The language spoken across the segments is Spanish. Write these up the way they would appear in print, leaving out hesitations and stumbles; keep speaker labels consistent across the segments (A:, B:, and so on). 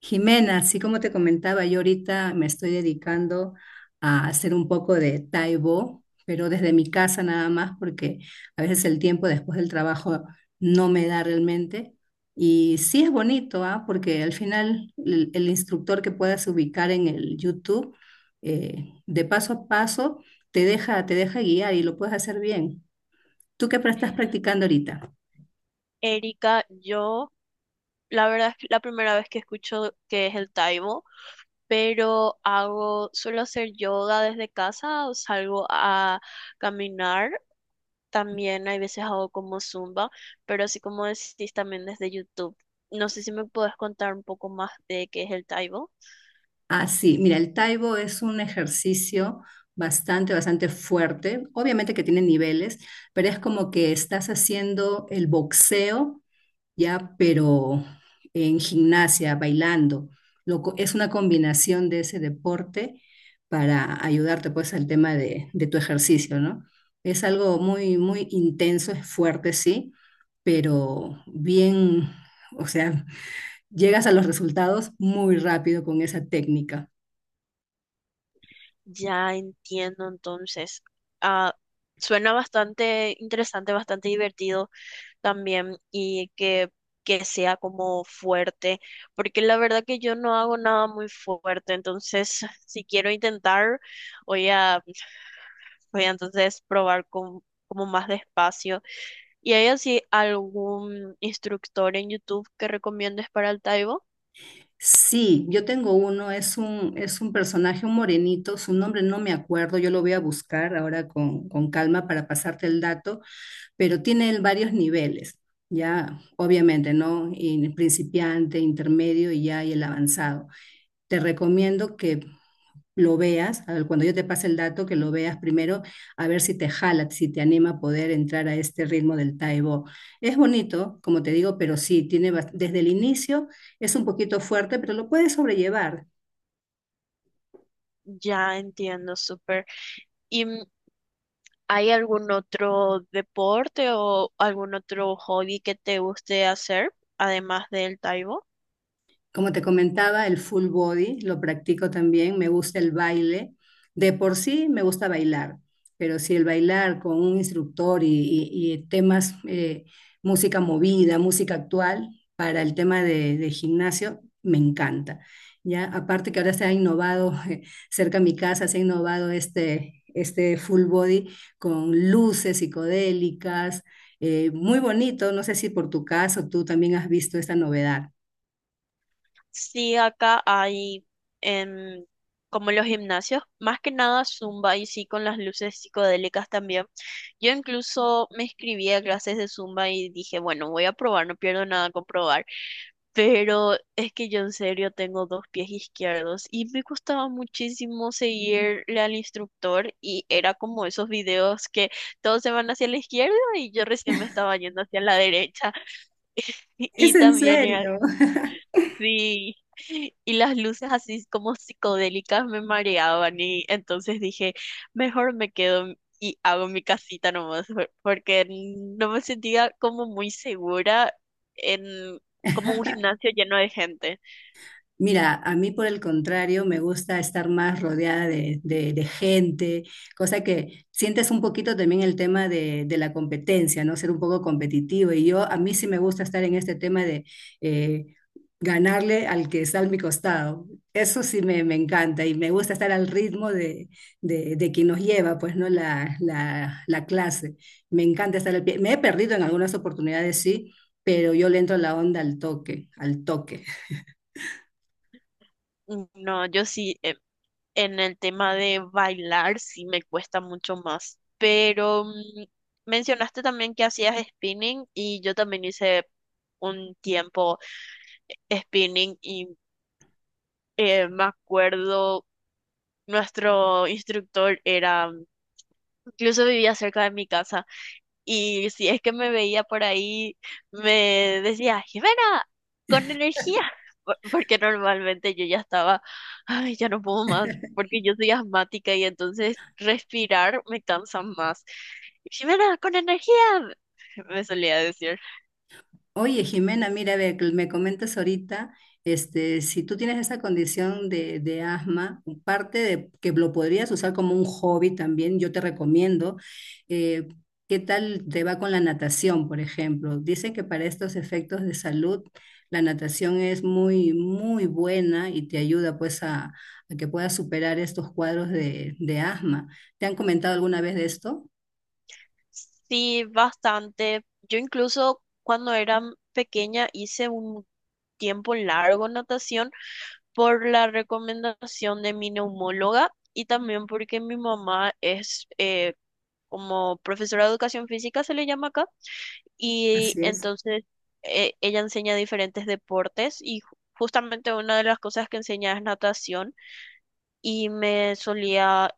A: Jimena, así como te comentaba, yo ahorita me estoy dedicando a hacer un poco de Taibo, pero desde mi casa nada más, porque a veces el tiempo después del trabajo no me da realmente. Y sí es bonito, ¿ah? Porque al final el instructor que puedas ubicar en el YouTube, de paso a paso, te deja guiar y lo puedes hacer bien. ¿Tú estás practicando ahorita?
B: Erika, yo la verdad es que la primera vez que escucho que es el Taibo, pero suelo hacer yoga desde casa o salgo a caminar. También hay veces hago como zumba, pero así como decís también desde YouTube. No sé si me puedes contar un poco más de qué es el Taibo.
A: Ah, sí, mira, el Taibo es un ejercicio bastante fuerte. Obviamente que tiene niveles, pero es como que estás haciendo el boxeo, ya, pero en gimnasia, bailando. Es una combinación de ese deporte para ayudarte, pues, al tema de tu ejercicio, ¿no? Es algo muy intenso, es fuerte, sí, pero bien, o sea, llegas a los resultados muy rápido con esa técnica.
B: Ya entiendo entonces. Ah, suena bastante interesante, bastante divertido. También y que sea como fuerte, porque la verdad que yo no hago nada muy fuerte, entonces si quiero intentar, voy a, voy a entonces probar con, como más despacio. ¿Y hay así algún instructor en YouTube que recomiendes para el Taibo?
A: Sí, yo tengo uno, es un personaje, un morenito, su nombre no me acuerdo, yo lo voy a buscar ahora con calma para pasarte el dato, pero tiene él varios niveles, ya obviamente, ¿no? En principiante, intermedio y ya y el avanzado. Te recomiendo que lo veas, a ver, cuando yo te pase el dato, que lo veas primero, a ver si te jala, si te anima a poder entrar a este ritmo del taibo. Es bonito, como te digo, pero sí, desde el inicio es un poquito fuerte, pero lo puedes sobrellevar.
B: Ya entiendo, súper. ¿Y hay algún otro deporte o algún otro hobby que te guste hacer, además del Taibo?
A: Como te comentaba, el full body lo practico también, me gusta el baile. De por sí me gusta bailar, pero si el bailar con un instructor y temas, música movida, música actual, para el tema de gimnasio, me encanta. Ya, aparte que ahora se ha innovado, cerca de mi casa se ha innovado este full body con luces psicodélicas, muy bonito. No sé si por tu caso tú también has visto esta novedad.
B: Sí, acá hay em, como los gimnasios, más que nada Zumba y sí con las luces psicodélicas también. Yo incluso me inscribí a clases de Zumba y dije, bueno, voy a probar, no pierdo nada con probar. Pero es que yo en serio tengo dos pies izquierdos y me costaba muchísimo seguirle al instructor y era como esos videos que todos se van hacia la izquierda y yo recién me estaba yendo hacia la derecha.
A: Es
B: Y
A: en
B: también era.
A: serio.
B: Sí, y las luces así como psicodélicas me mareaban y entonces dije, mejor me quedo y hago mi casita nomás, porque no me sentía como muy segura en como un gimnasio lleno de gente.
A: Mira, a mí por el contrario me gusta estar más rodeada de gente, cosa que sientes un poquito también el tema de la competencia, ¿no? Ser un poco competitivo. Y yo, a mí sí me gusta estar en este tema de eh, ganarle al que está a mi costado. Eso sí me encanta y me gusta estar al ritmo de quien nos lleva, pues, ¿no? La clase. Me encanta estar al pie. Me he perdido en algunas oportunidades, sí, pero yo le entro la onda al toque, al toque.
B: No, yo sí, en el tema de bailar sí me cuesta mucho más, pero mencionaste también que hacías spinning y yo también hice un tiempo spinning y me acuerdo. Nuestro instructor era, incluso vivía cerca de mi casa y si es que me veía por ahí, me decía, Jimena, con energía, porque normalmente yo ya estaba, ay, ya no puedo más, porque yo soy asmática y entonces respirar me cansa más. Jimena, con energía, me solía decir.
A: Oye, Jimena, mira, a ver, que me comentas ahorita, este, si tú tienes esa condición de asma, parte de que lo podrías usar como un hobby también, yo te recomiendo. eh, ¿Qué tal te va con la natación, por ejemplo? Dicen que para estos efectos de salud, la natación es muy buena y te ayuda pues a que puedas superar estos cuadros de asma. ¿Te han comentado alguna vez de esto?
B: Sí, bastante. Yo incluso cuando era pequeña hice un tiempo largo natación por la recomendación de mi neumóloga y también porque mi mamá es como profesora de educación física, se le llama acá, y
A: Así es.
B: entonces ella enseña diferentes deportes y justamente una de las cosas que enseña es natación y me solía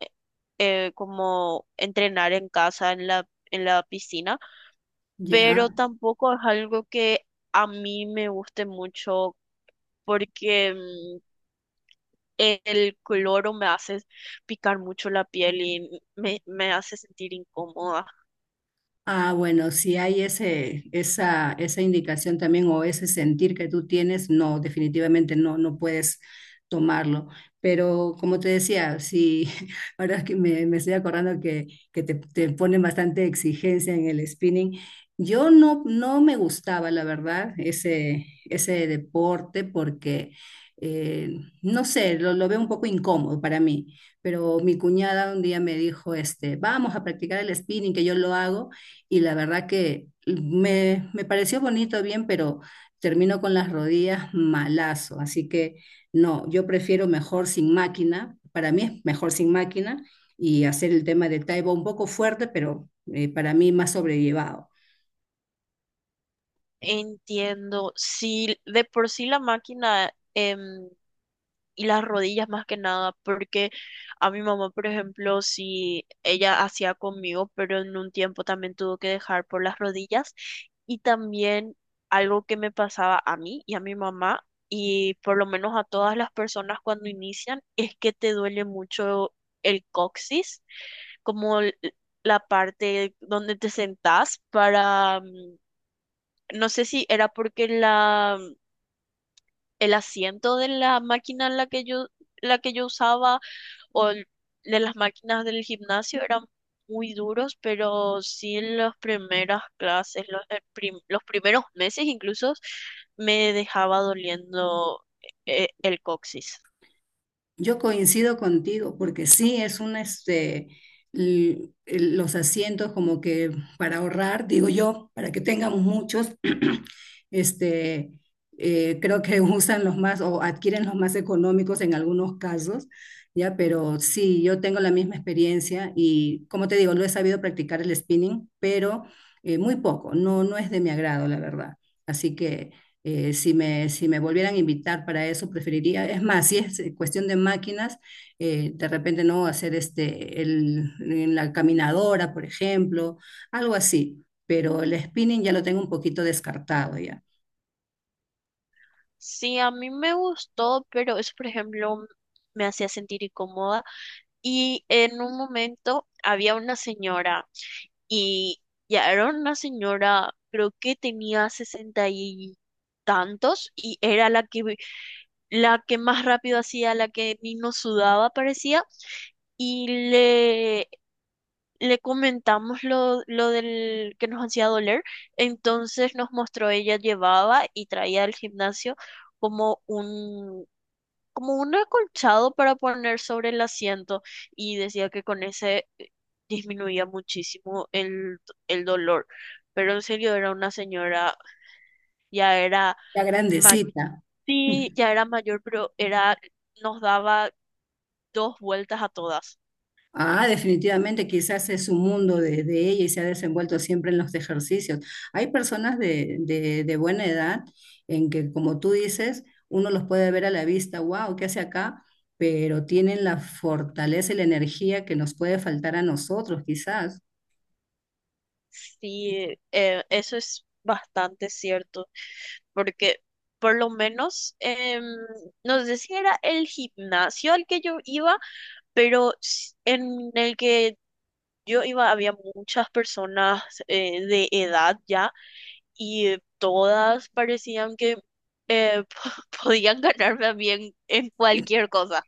B: como entrenar en casa, en la piscina, pero
A: Ya.
B: tampoco es algo que a mí me guste mucho porque el cloro me hace picar mucho la piel y me hace sentir incómoda.
A: Ah, bueno, si hay esa indicación también o ese sentir que tú tienes, no, definitivamente no puedes tomarlo. Pero como te decía, si ahora es que me estoy acordando que te ponen bastante exigencia en el spinning, yo no me gustaba, la verdad, ese deporte porque, eh, no sé, lo veo un poco incómodo para mí. Pero mi cuñada un día me dijo, este, vamos a practicar el spinning, que yo lo hago y la verdad que me pareció bonito, bien, pero termino con las rodillas malazo, así que no, yo prefiero mejor sin máquina, para mí es mejor sin máquina y hacer el tema de Taibo un poco fuerte, pero para mí más sobrellevado.
B: Entiendo, sí, de por sí la máquina y las rodillas más que nada, porque a mi mamá, por ejemplo, si ella hacía conmigo, pero en un tiempo también tuvo que dejar por las rodillas y también algo que me pasaba a mí y a mi mamá y por lo menos a todas las personas cuando inician es que te duele mucho el coxis, como la parte donde te sentás para no sé si era porque la, el asiento de la máquina en la que yo usaba o de las máquinas del gimnasio eran muy duros, pero sí en las primeras clases, los, los primeros meses incluso, me dejaba doliendo el coxis.
A: Yo coincido contigo, porque sí es una, este, los asientos como que para ahorrar, digo yo, para que tengamos muchos, este, creo que usan los más o adquieren los más económicos en algunos casos, ya, pero sí, yo tengo la misma experiencia y como te digo, lo he sabido practicar el spinning, pero muy poco, no, no es de mi agrado, la verdad. Así que si me, si me volvieran a invitar para eso, preferiría, es más, si es cuestión de máquinas, de repente no hacer en la caminadora, por ejemplo, algo así, pero el spinning ya lo tengo un poquito descartado ya,
B: Sí, a mí me gustó, pero eso, por ejemplo, me hacía sentir incómoda. Y en un momento había una señora y ya era una señora, creo que tenía sesenta y tantos y era la que más rápido hacía, la que ni nos sudaba parecía, y le comentamos lo del que nos hacía doler, entonces nos mostró, ella llevaba y traía al gimnasio como un, como un acolchado para poner sobre el asiento, y decía que con ese disminuía muchísimo el dolor. Pero en serio era una señora, ya era
A: la
B: mayor,
A: grandecita.
B: sí, ya era mayor, pero era, nos daba dos vueltas a todas.
A: Ah, definitivamente, quizás es un mundo de ella y se ha desenvuelto siempre en los ejercicios. Hay personas de buena edad en que, como tú dices, uno los puede ver a la vista, wow, ¿qué hace acá? Pero tienen la fortaleza y la energía que nos puede faltar a nosotros, quizás.
B: Sí, eso es bastante cierto, porque por lo menos, no sé si era el gimnasio al que yo iba, pero en el que yo iba había muchas personas de edad ya y todas parecían que eh, podían ganarme a mí en cualquier cosa.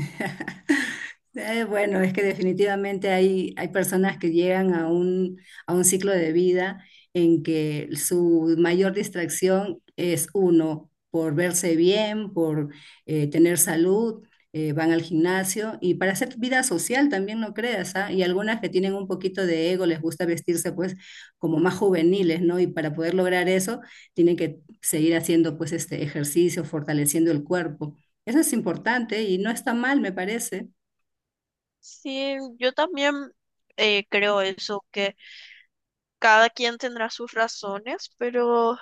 A: Bueno, es que definitivamente hay personas que llegan a un ciclo de vida en que su mayor distracción es uno, por verse bien, por tener salud, van al gimnasio y para hacer vida social también, no creas, ¿ah? Y algunas que tienen un poquito de ego, les gusta vestirse pues como más juveniles, ¿no? Y para poder lograr eso, tienen que seguir haciendo pues este ejercicio, fortaleciendo el cuerpo. Eso es importante y no está mal, me parece.
B: Sí, yo también creo eso, que cada quien tendrá sus razones, pero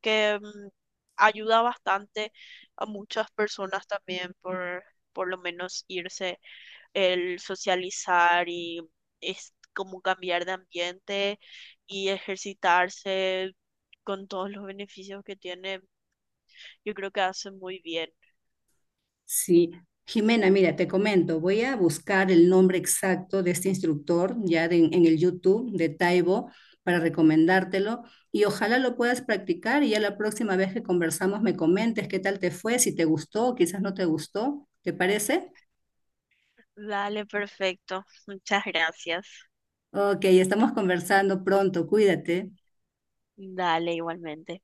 B: que ayuda bastante a muchas personas también por lo menos irse, el socializar y es como cambiar de ambiente y ejercitarse con todos los beneficios que tiene, yo creo que hace muy bien.
A: Sí. Jimena, mira, te comento, voy a buscar el nombre exacto de este instructor en el YouTube de Taibo para recomendártelo y ojalá lo puedas practicar y ya la próxima vez que conversamos me comentes qué tal te fue, si te gustó, quizás no te gustó, ¿te parece?
B: Dale, perfecto. Muchas gracias.
A: Ok, estamos conversando pronto, cuídate.
B: Dale, igualmente.